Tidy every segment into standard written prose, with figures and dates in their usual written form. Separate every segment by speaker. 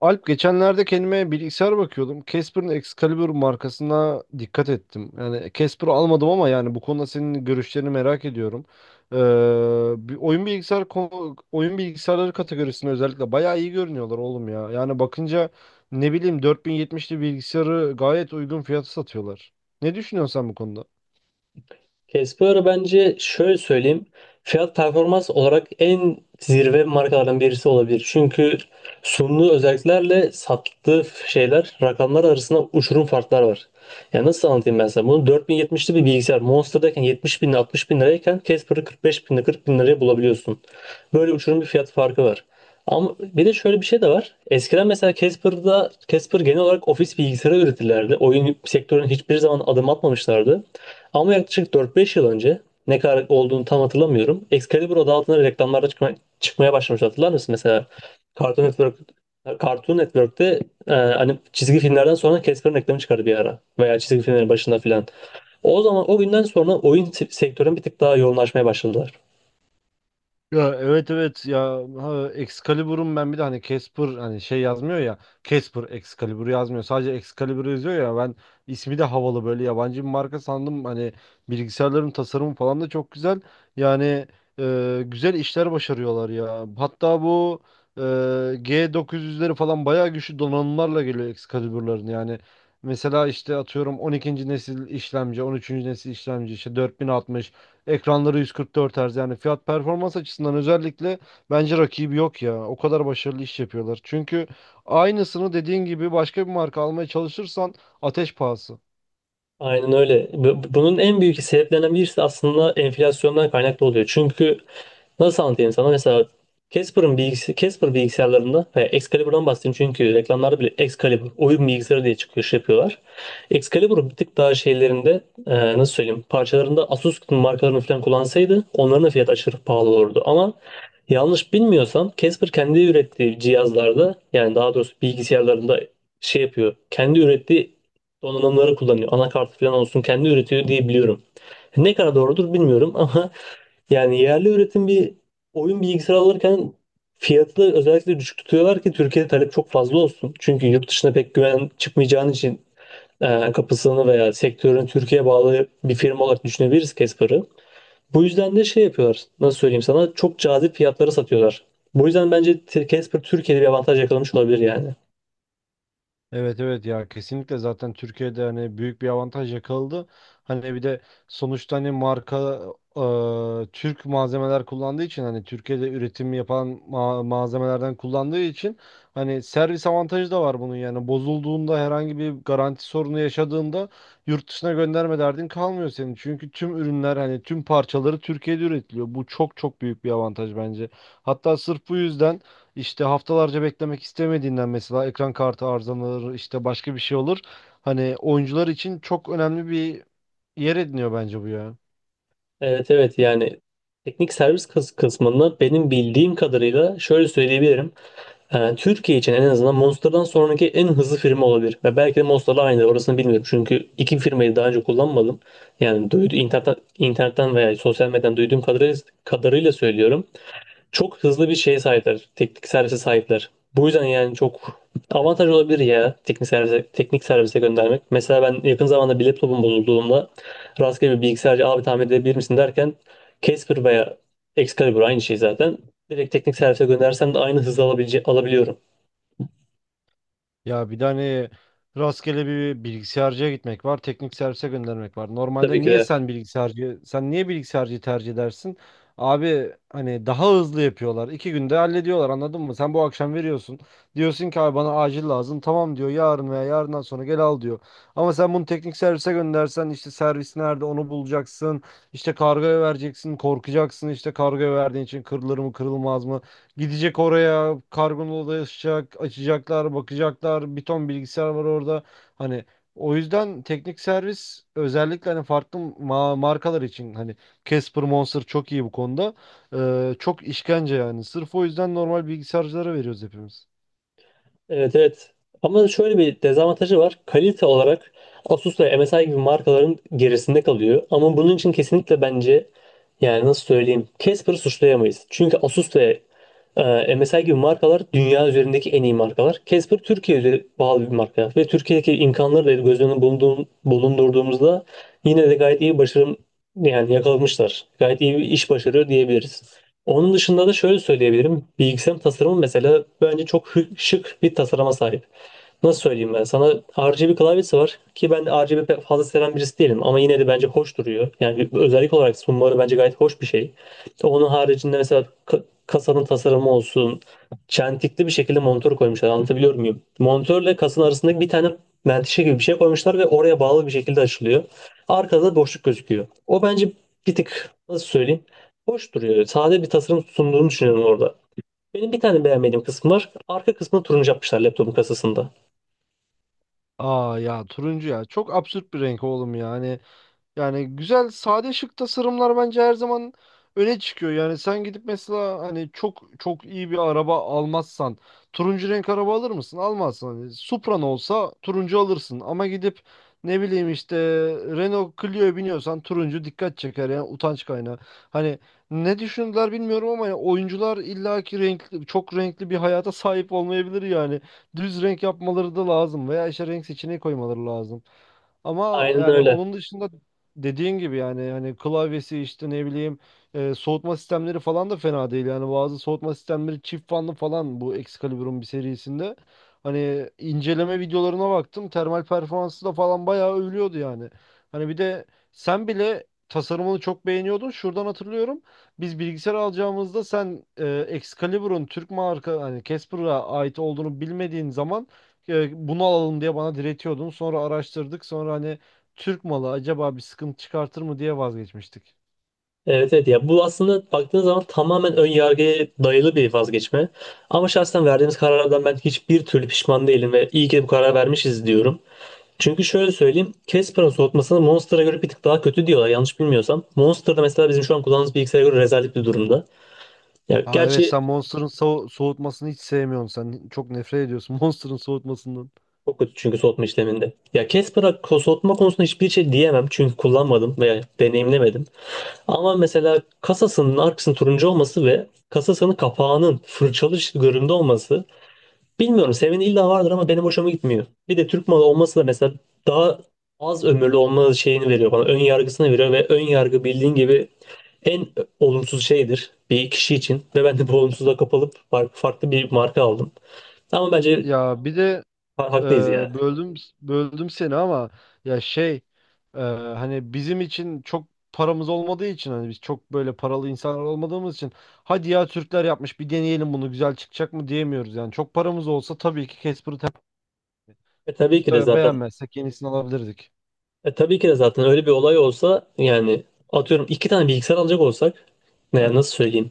Speaker 1: Alp, geçenlerde kendime bilgisayar bakıyordum. Casper'ın Excalibur markasına dikkat ettim. Yani Casper'ı almadım ama yani bu konuda senin görüşlerini merak ediyorum. Bir oyun bilgisayarları kategorisinde özellikle bayağı iyi görünüyorlar oğlum ya. Yani bakınca ne bileyim 4070'li bilgisayarı gayet uygun fiyata satıyorlar. Ne düşünüyorsun sen bu konuda?
Speaker 2: Casper bence şöyle söyleyeyim. Fiyat performans olarak en zirve markalardan birisi olabilir. Çünkü sunduğu özelliklerle sattığı şeyler rakamlar arasında uçurum farklar var. Ya nasıl anlatayım ben sana? Bunu 4070'li bir bilgisayar Monster'dayken 70 bin 60 bin lirayken Casper'ı 45 bin 40 bin liraya bulabiliyorsun. Böyle uçurum bir fiyat farkı var. Ama bir de şöyle bir şey de var. Eskiden mesela Casper genel olarak ofis bilgisayarı üretirlerdi. Oyun sektörüne hiçbir zaman adım atmamışlardı. Ama yaklaşık 4-5 yıl önce ne kadar olduğunu tam hatırlamıyorum. Excalibur adı altında reklamlarda çıkmaya başlamış hatırlar mısın? Mesela Cartoon Network Cartoon Network'te hani çizgi filmlerden sonra Casper'ın reklamı çıkardı bir ara. Veya çizgi filmlerin başında filan. O zaman o günden sonra oyun sektörüne bir tık daha yoğunlaşmaya başladılar.
Speaker 1: Ya, evet evet ya, ha, Excalibur'un ben bir de hani Casper hani şey yazmıyor ya, Casper Excalibur yazmıyor, sadece Excalibur yazıyor ya, ben ismi de havalı, böyle yabancı bir marka sandım hani. Bilgisayarların tasarımı falan da çok güzel yani. Güzel işler başarıyorlar ya, hatta bu e, G900'leri falan bayağı güçlü donanımlarla geliyor Excalibur'ların. Yani mesela işte atıyorum 12. nesil işlemci, 13. nesil işlemci, işte 4060. Ekranları 144 Hz. Yani fiyat performans açısından özellikle bence rakibi yok ya. O kadar başarılı iş yapıyorlar. Çünkü aynısını dediğin gibi başka bir marka almaya çalışırsan ateş pahası.
Speaker 2: Aynen öyle. Bunun en büyük sebeplerinden birisi aslında enflasyondan kaynaklı oluyor. Çünkü nasıl anlatayım sana? Mesela Casper bilgisayarlarında veya Excalibur'dan bahsedeyim çünkü reklamlarda bile Excalibur oyun bilgisayarı diye çıkıyor şey yapıyorlar. Excalibur'un bir tık daha şeylerinde nasıl söyleyeyim parçalarında Asus markalarını falan kullansaydı onların da fiyatı aşırı pahalı olurdu. Ama yanlış bilmiyorsam Casper kendi ürettiği cihazlarda yani daha doğrusu bilgisayarlarında şey yapıyor. Kendi ürettiği donanımları kullanıyor. Anakart falan olsun kendi üretiyor diye biliyorum. Ne kadar doğrudur bilmiyorum ama yani yerli üretim bir oyun bilgisayarı alırken fiyatı da özellikle düşük tutuyorlar ki Türkiye'de talep çok fazla olsun. Çünkü yurt dışına pek güven çıkmayacağın için kapısını veya sektörün Türkiye'ye bağlı bir firma olarak düşünebiliriz Casper'ı. Bu yüzden de şey yapıyorlar. Nasıl söyleyeyim sana? Çok cazip fiyatlara satıyorlar. Bu yüzden bence Casper Türkiye'de bir avantaj yakalamış olabilir yani.
Speaker 1: Evet evet ya, kesinlikle zaten Türkiye'de hani büyük bir avantaj yakaladı. Hani bir de sonuçta hani marka, Türk malzemeler kullandığı için, hani Türkiye'de üretim yapan malzemelerden kullandığı için, hani servis avantajı da var bunun. Yani bozulduğunda, herhangi bir garanti sorunu yaşadığında, yurt dışına gönderme derdin kalmıyor senin. Çünkü tüm ürünler, hani tüm parçaları Türkiye'de üretiliyor. Bu çok çok büyük bir avantaj bence. Hatta sırf bu yüzden, işte haftalarca beklemek istemediğinden, mesela ekran kartı arızalanır, işte başka bir şey olur. Hani oyuncular için çok önemli bir yer ediniyor bence bu ya.
Speaker 2: Evet evet yani teknik servis kısmında benim bildiğim kadarıyla şöyle söyleyebilirim. Türkiye için en azından Monster'dan sonraki en hızlı firma olabilir. Ve belki de Monster'la aynıdır orasını bilmiyorum. Çünkü iki firmayı daha önce kullanmadım. Yani internetten veya sosyal medyadan duyduğum kadarıyla, söylüyorum. Çok hızlı bir şeye sahipler. Teknik servise sahipler. Bu yüzden yani çok avantaj olabilir ya teknik servise göndermek. Mesela ben yakın zamanda bir laptopum bozulduğumda rastgele bir bilgisayarcı abi tamir edebilir misin derken Casper veya Excalibur aynı şey zaten. Direkt teknik servise göndersem de aynı hızı alabiliyorum.
Speaker 1: Ya bir tane rastgele bir bilgisayarcıya gitmek var, teknik servise göndermek var.
Speaker 2: Tabii
Speaker 1: Normalde
Speaker 2: ki
Speaker 1: niye
Speaker 2: de.
Speaker 1: sen bilgisayarcı, sen niye bilgisayarcıyı tercih edersin? Abi hani daha hızlı yapıyorlar. İki günde hallediyorlar, anladın mı? Sen bu akşam veriyorsun. Diyorsun ki abi bana acil lazım. Tamam diyor, yarın veya yarından sonra gel al diyor. Ama sen bunu teknik servise göndersen işte servis nerede onu bulacaksın. İşte kargoya vereceksin, korkacaksın, işte kargoya verdiğin için kırılır mı kırılmaz mı? Gidecek oraya, kargonun odasıacak, açacaklar, bakacaklar. Bir ton bilgisayar var orada. Hani o yüzden teknik servis, özellikle hani farklı markalar için, hani Casper Monster çok iyi bu konuda. Çok işkence yani. Sırf o yüzden normal bilgisayarcılara veriyoruz hepimiz.
Speaker 2: Evet evet. Ama şöyle bir dezavantajı var. Kalite olarak Asus ve MSI gibi markaların gerisinde kalıyor. Ama bunun için kesinlikle bence yani nasıl söyleyeyim Casper'ı suçlayamayız. Çünkü Asus ve MSI gibi markalar dünya üzerindeki en iyi markalar. Casper Türkiye'ye bağlı bir marka ve Türkiye'deki imkanları da göz önüne bulundurduğumuzda yine de gayet iyi başarım yani yakalamışlar. Gayet iyi bir iş başarıyor diyebiliriz. Onun dışında da şöyle söyleyebilirim. Bilgisayarın tasarımı mesela bence çok şık bir tasarıma sahip. Nasıl söyleyeyim ben sana? RGB klavyesi var ki ben RGB pek fazla seven birisi değilim ama yine de bence hoş duruyor. Yani bir özellik olarak sunmaları bence gayet hoş bir şey. Onun haricinde mesela kasanın tasarımı olsun, çentikli bir şekilde monitör koymuşlar. Anlatabiliyor muyum? Monitörle kasanın arasındaki bir tane menteşe gibi bir şey koymuşlar ve oraya bağlı bir şekilde açılıyor. Arkada da boşluk gözüküyor. O bence bir tık nasıl söyleyeyim? Hoş duruyor. Sade bir tasarım sunduğunu düşünüyorum orada. Benim bir tane beğenmediğim kısım var. Arka kısmını turuncu yapmışlar laptopun kasasında.
Speaker 1: Aa ya, turuncu ya. Çok absürt bir renk oğlum yani. Yani güzel, sade, şık tasarımlar bence her zaman öne çıkıyor. Yani sen gidip mesela hani çok çok iyi bir araba almazsan turuncu renk araba alır mısın? Almazsın. Hani Supra'n olsa turuncu alırsın ama gidip ne bileyim işte Renault Clio'ya biniyorsan turuncu dikkat çeker, yani utanç kaynağı. Hani ne düşündüler bilmiyorum ama yani oyuncular illaki renkli, çok renkli bir hayata sahip olmayabilir yani. Düz renk yapmaları da lazım veya işte renk seçeneği koymaları lazım. Ama
Speaker 2: Aynen
Speaker 1: yani
Speaker 2: öyle.
Speaker 1: onun dışında, dediğin gibi yani, hani klavyesi, işte ne bileyim, soğutma sistemleri falan da fena değil. Yani bazı soğutma sistemleri çift fanlı falan, bu Excalibur'un bir serisinde. Hani inceleme videolarına baktım. Termal performansı da falan bayağı övülüyordu yani. Hani bir de sen bile tasarımını çok beğeniyordun. Şuradan hatırlıyorum. Biz bilgisayar alacağımızda sen Excalibur'un Türk marka, hani Casper'a ait olduğunu bilmediğin zaman, bunu alalım diye bana diretiyordun. Sonra araştırdık. Sonra hani Türk malı acaba bir sıkıntı çıkartır mı diye vazgeçmiştik.
Speaker 2: Evet evet ya bu aslında baktığınız zaman tamamen ön yargıya dayalı bir vazgeçme. Ama şahsen verdiğimiz karardan ben hiçbir türlü pişman değilim ve iyi ki de bu karar vermişiz diyorum. Çünkü şöyle söyleyeyim, Casper'ın soğutmasını Monster'a göre bir tık daha kötü diyorlar yanlış bilmiyorsam. Monster'da mesela bizim şu an kullandığımız bilgisayara göre rezalet bir durumda. Ya
Speaker 1: Aa evet,
Speaker 2: gerçi.
Speaker 1: sen Monster'ın soğutmasını hiç sevmiyorsun. Sen çok nefret ediyorsun Monster'ın soğutmasından.
Speaker 2: Çok kötü çünkü soğutma işleminde. Ya Casper'a soğutma konusunda hiçbir şey diyemem çünkü kullanmadım veya deneyimlemedim. Ama mesela kasasının arkasının turuncu olması ve kasasının kapağının fırçalı göründe olması bilmiyorum senin illa vardır ama benim hoşuma gitmiyor. Bir de Türk malı olması da mesela daha az ömürlü olma şeyini veriyor bana. Ön yargısını veriyor ve ön yargı bildiğin gibi en olumsuz şeydir bir kişi için ve ben de bu olumsuzluğa kapılıp farklı bir marka aldım. Ama bence
Speaker 1: Ya bir de e,
Speaker 2: haklıyız ya.
Speaker 1: böldüm seni ama ya, şey, hani bizim için çok paramız olmadığı için, hani biz çok böyle paralı insanlar olmadığımız için, hadi ya Türkler yapmış bir deneyelim bunu, güzel çıkacak mı diyemiyoruz yani. Çok paramız olsa tabii ki Casper'ı.
Speaker 2: E tabii ki de
Speaker 1: Sonuçta
Speaker 2: zaten
Speaker 1: beğenmezsek yenisini alabilirdik.
Speaker 2: tabii ki de zaten öyle bir olay olsa yani atıyorum iki tane bilgisayar alacak olsak yani nasıl söyleyeyim?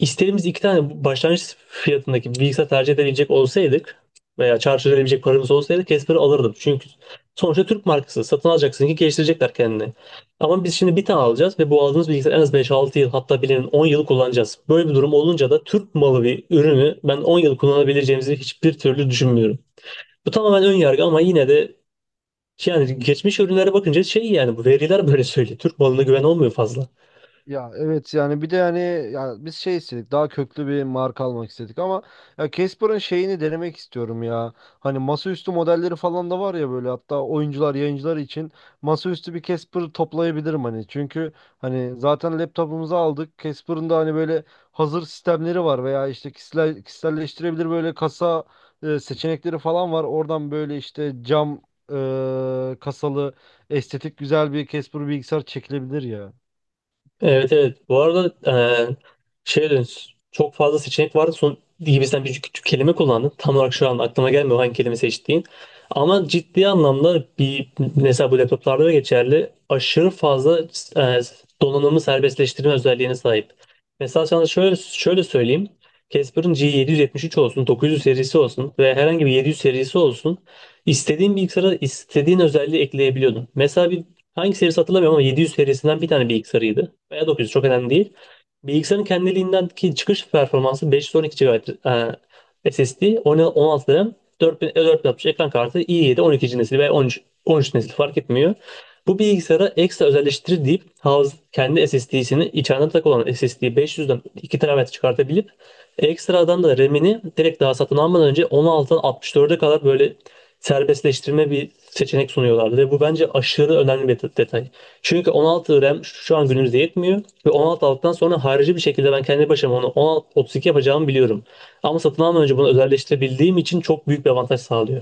Speaker 2: İstediğimiz iki tane başlangıç fiyatındaki bir bilgisayar tercih edebilecek olsaydık veya çarçur edebilecek paramız olsaydı Casper'ı alırdım. Çünkü sonuçta Türk markası satın alacaksın ki geliştirecekler kendini. Ama biz şimdi bir tane alacağız ve bu aldığımız bilgisayar en az beş altı yıl hatta bilenin 10 yıl kullanacağız. Böyle bir durum olunca da Türk malı bir ürünü ben 10 yıl kullanabileceğimizi hiçbir türlü düşünmüyorum. Bu tamamen ön yargı ama yine de şey. Yani geçmiş ürünlere bakınca şey yani bu veriler böyle söylüyor. Türk malına güven olmuyor fazla.
Speaker 1: Ya evet, yani bir de yani, ya biz şey istedik, daha köklü bir marka almak istedik ama ya Casper'ın şeyini denemek istiyorum ya. Hani masaüstü modelleri falan da var ya böyle, hatta oyuncular, yayıncılar için masaüstü bir Casper toplayabilirim hani. Çünkü hani zaten laptopumuzu aldık. Casper'ın da hani böyle hazır sistemleri var veya işte kişisel, kişiselleştirebilir böyle kasa seçenekleri falan var. Oradan böyle işte cam kasalı estetik güzel bir Casper bilgisayar çekilebilir ya.
Speaker 2: Evet evet. Bu arada e, şey dedin, çok fazla seçenek vardı. Son gibi sen bir küçük kelime kullandın. Tam olarak şu an aklıma gelmiyor hangi kelime seçtiğin. Ama ciddi anlamda bir mesela bu laptoplarda da geçerli. Aşırı fazla e, donanımı serbestleştirme özelliğine sahip. Mesela sana şöyle söyleyeyim. Casper'ın G773 olsun, 900 serisi olsun ve herhangi bir 700 serisi olsun. İstediğin bilgisayara istediğin özelliği ekleyebiliyordun. Mesela bir hangi serisi hatırlamıyorum ama 700 serisinden bir tane bilgisayarıydı. Veya 900 çok önemli değil. Bilgisayarın kendiliğindeki çıkış performansı 512 GB SSD, 16 RAM, 4000 4060 ekran kartı, i7 12. nesil veya 13, 13 nesil fark etmiyor. Bu bilgisayara ekstra özelleştirir deyip Havz kendi SSD'sini içeride tak olan SSD 500'den 2 TB çıkartabilip ekstradan da RAM'ini direkt daha satın almadan önce 16'dan 64'e kadar böyle serbestleştirme bir seçenek sunuyorlardı ve bu bence aşırı önemli bir detay. Çünkü 16 RAM şu an günümüzde yetmiyor ve 16 aldıktan sonra harici bir şekilde ben kendi başıma onu 16, 32 yapacağımı biliyorum. Ama satın almadan önce bunu özelleştirebildiğim için çok büyük bir avantaj sağlıyor.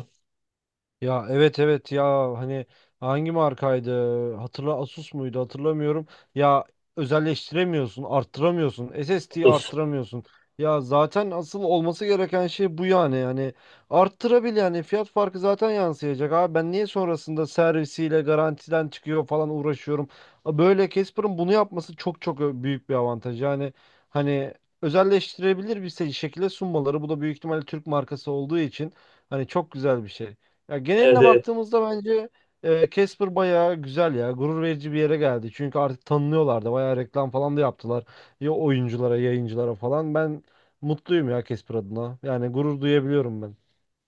Speaker 1: Ya evet evet ya, hani hangi markaydı? Hatırla, Asus muydu? Hatırlamıyorum. Ya özelleştiremiyorsun, arttıramıyorsun. SSD'yi
Speaker 2: 30.
Speaker 1: arttıramıyorsun. Ya zaten asıl olması gereken şey bu yani. Yani yani fiyat farkı zaten yansıyacak. Abi ben niye sonrasında servisiyle garantiden çıkıyor falan uğraşıyorum. Böyle Casper'ın bunu yapması çok çok büyük bir avantaj. Yani hani özelleştirebilir şekilde sunmaları, bu da büyük ihtimalle Türk markası olduğu için hani çok güzel bir şey. Ya
Speaker 2: Evet,
Speaker 1: geneline
Speaker 2: evet.
Speaker 1: baktığımızda bence Casper bayağı güzel ya. Gurur verici bir yere geldi. Çünkü artık tanınıyorlar da, bayağı reklam falan da yaptılar. Ya oyunculara, yayıncılara falan. Ben mutluyum ya Casper adına. Yani gurur duyabiliyorum ben.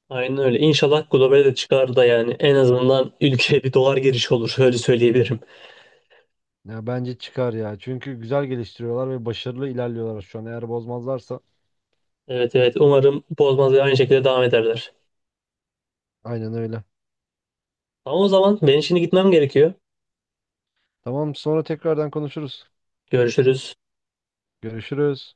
Speaker 2: Aynen öyle. İnşallah globale de çıkar da yani en azından ülkeye bir dolar girişi olur. Öyle söyleyebilirim.
Speaker 1: Ya bence çıkar ya. Çünkü güzel geliştiriyorlar ve başarılı ilerliyorlar şu an. Eğer bozmazlarsa
Speaker 2: Evet evet. Umarım bozmaz ve aynı şekilde devam ederler.
Speaker 1: aynen öyle.
Speaker 2: Ama o zaman ben şimdi gitmem gerekiyor.
Speaker 1: Tamam, sonra tekrardan konuşuruz.
Speaker 2: Görüşürüz.
Speaker 1: Görüşürüz.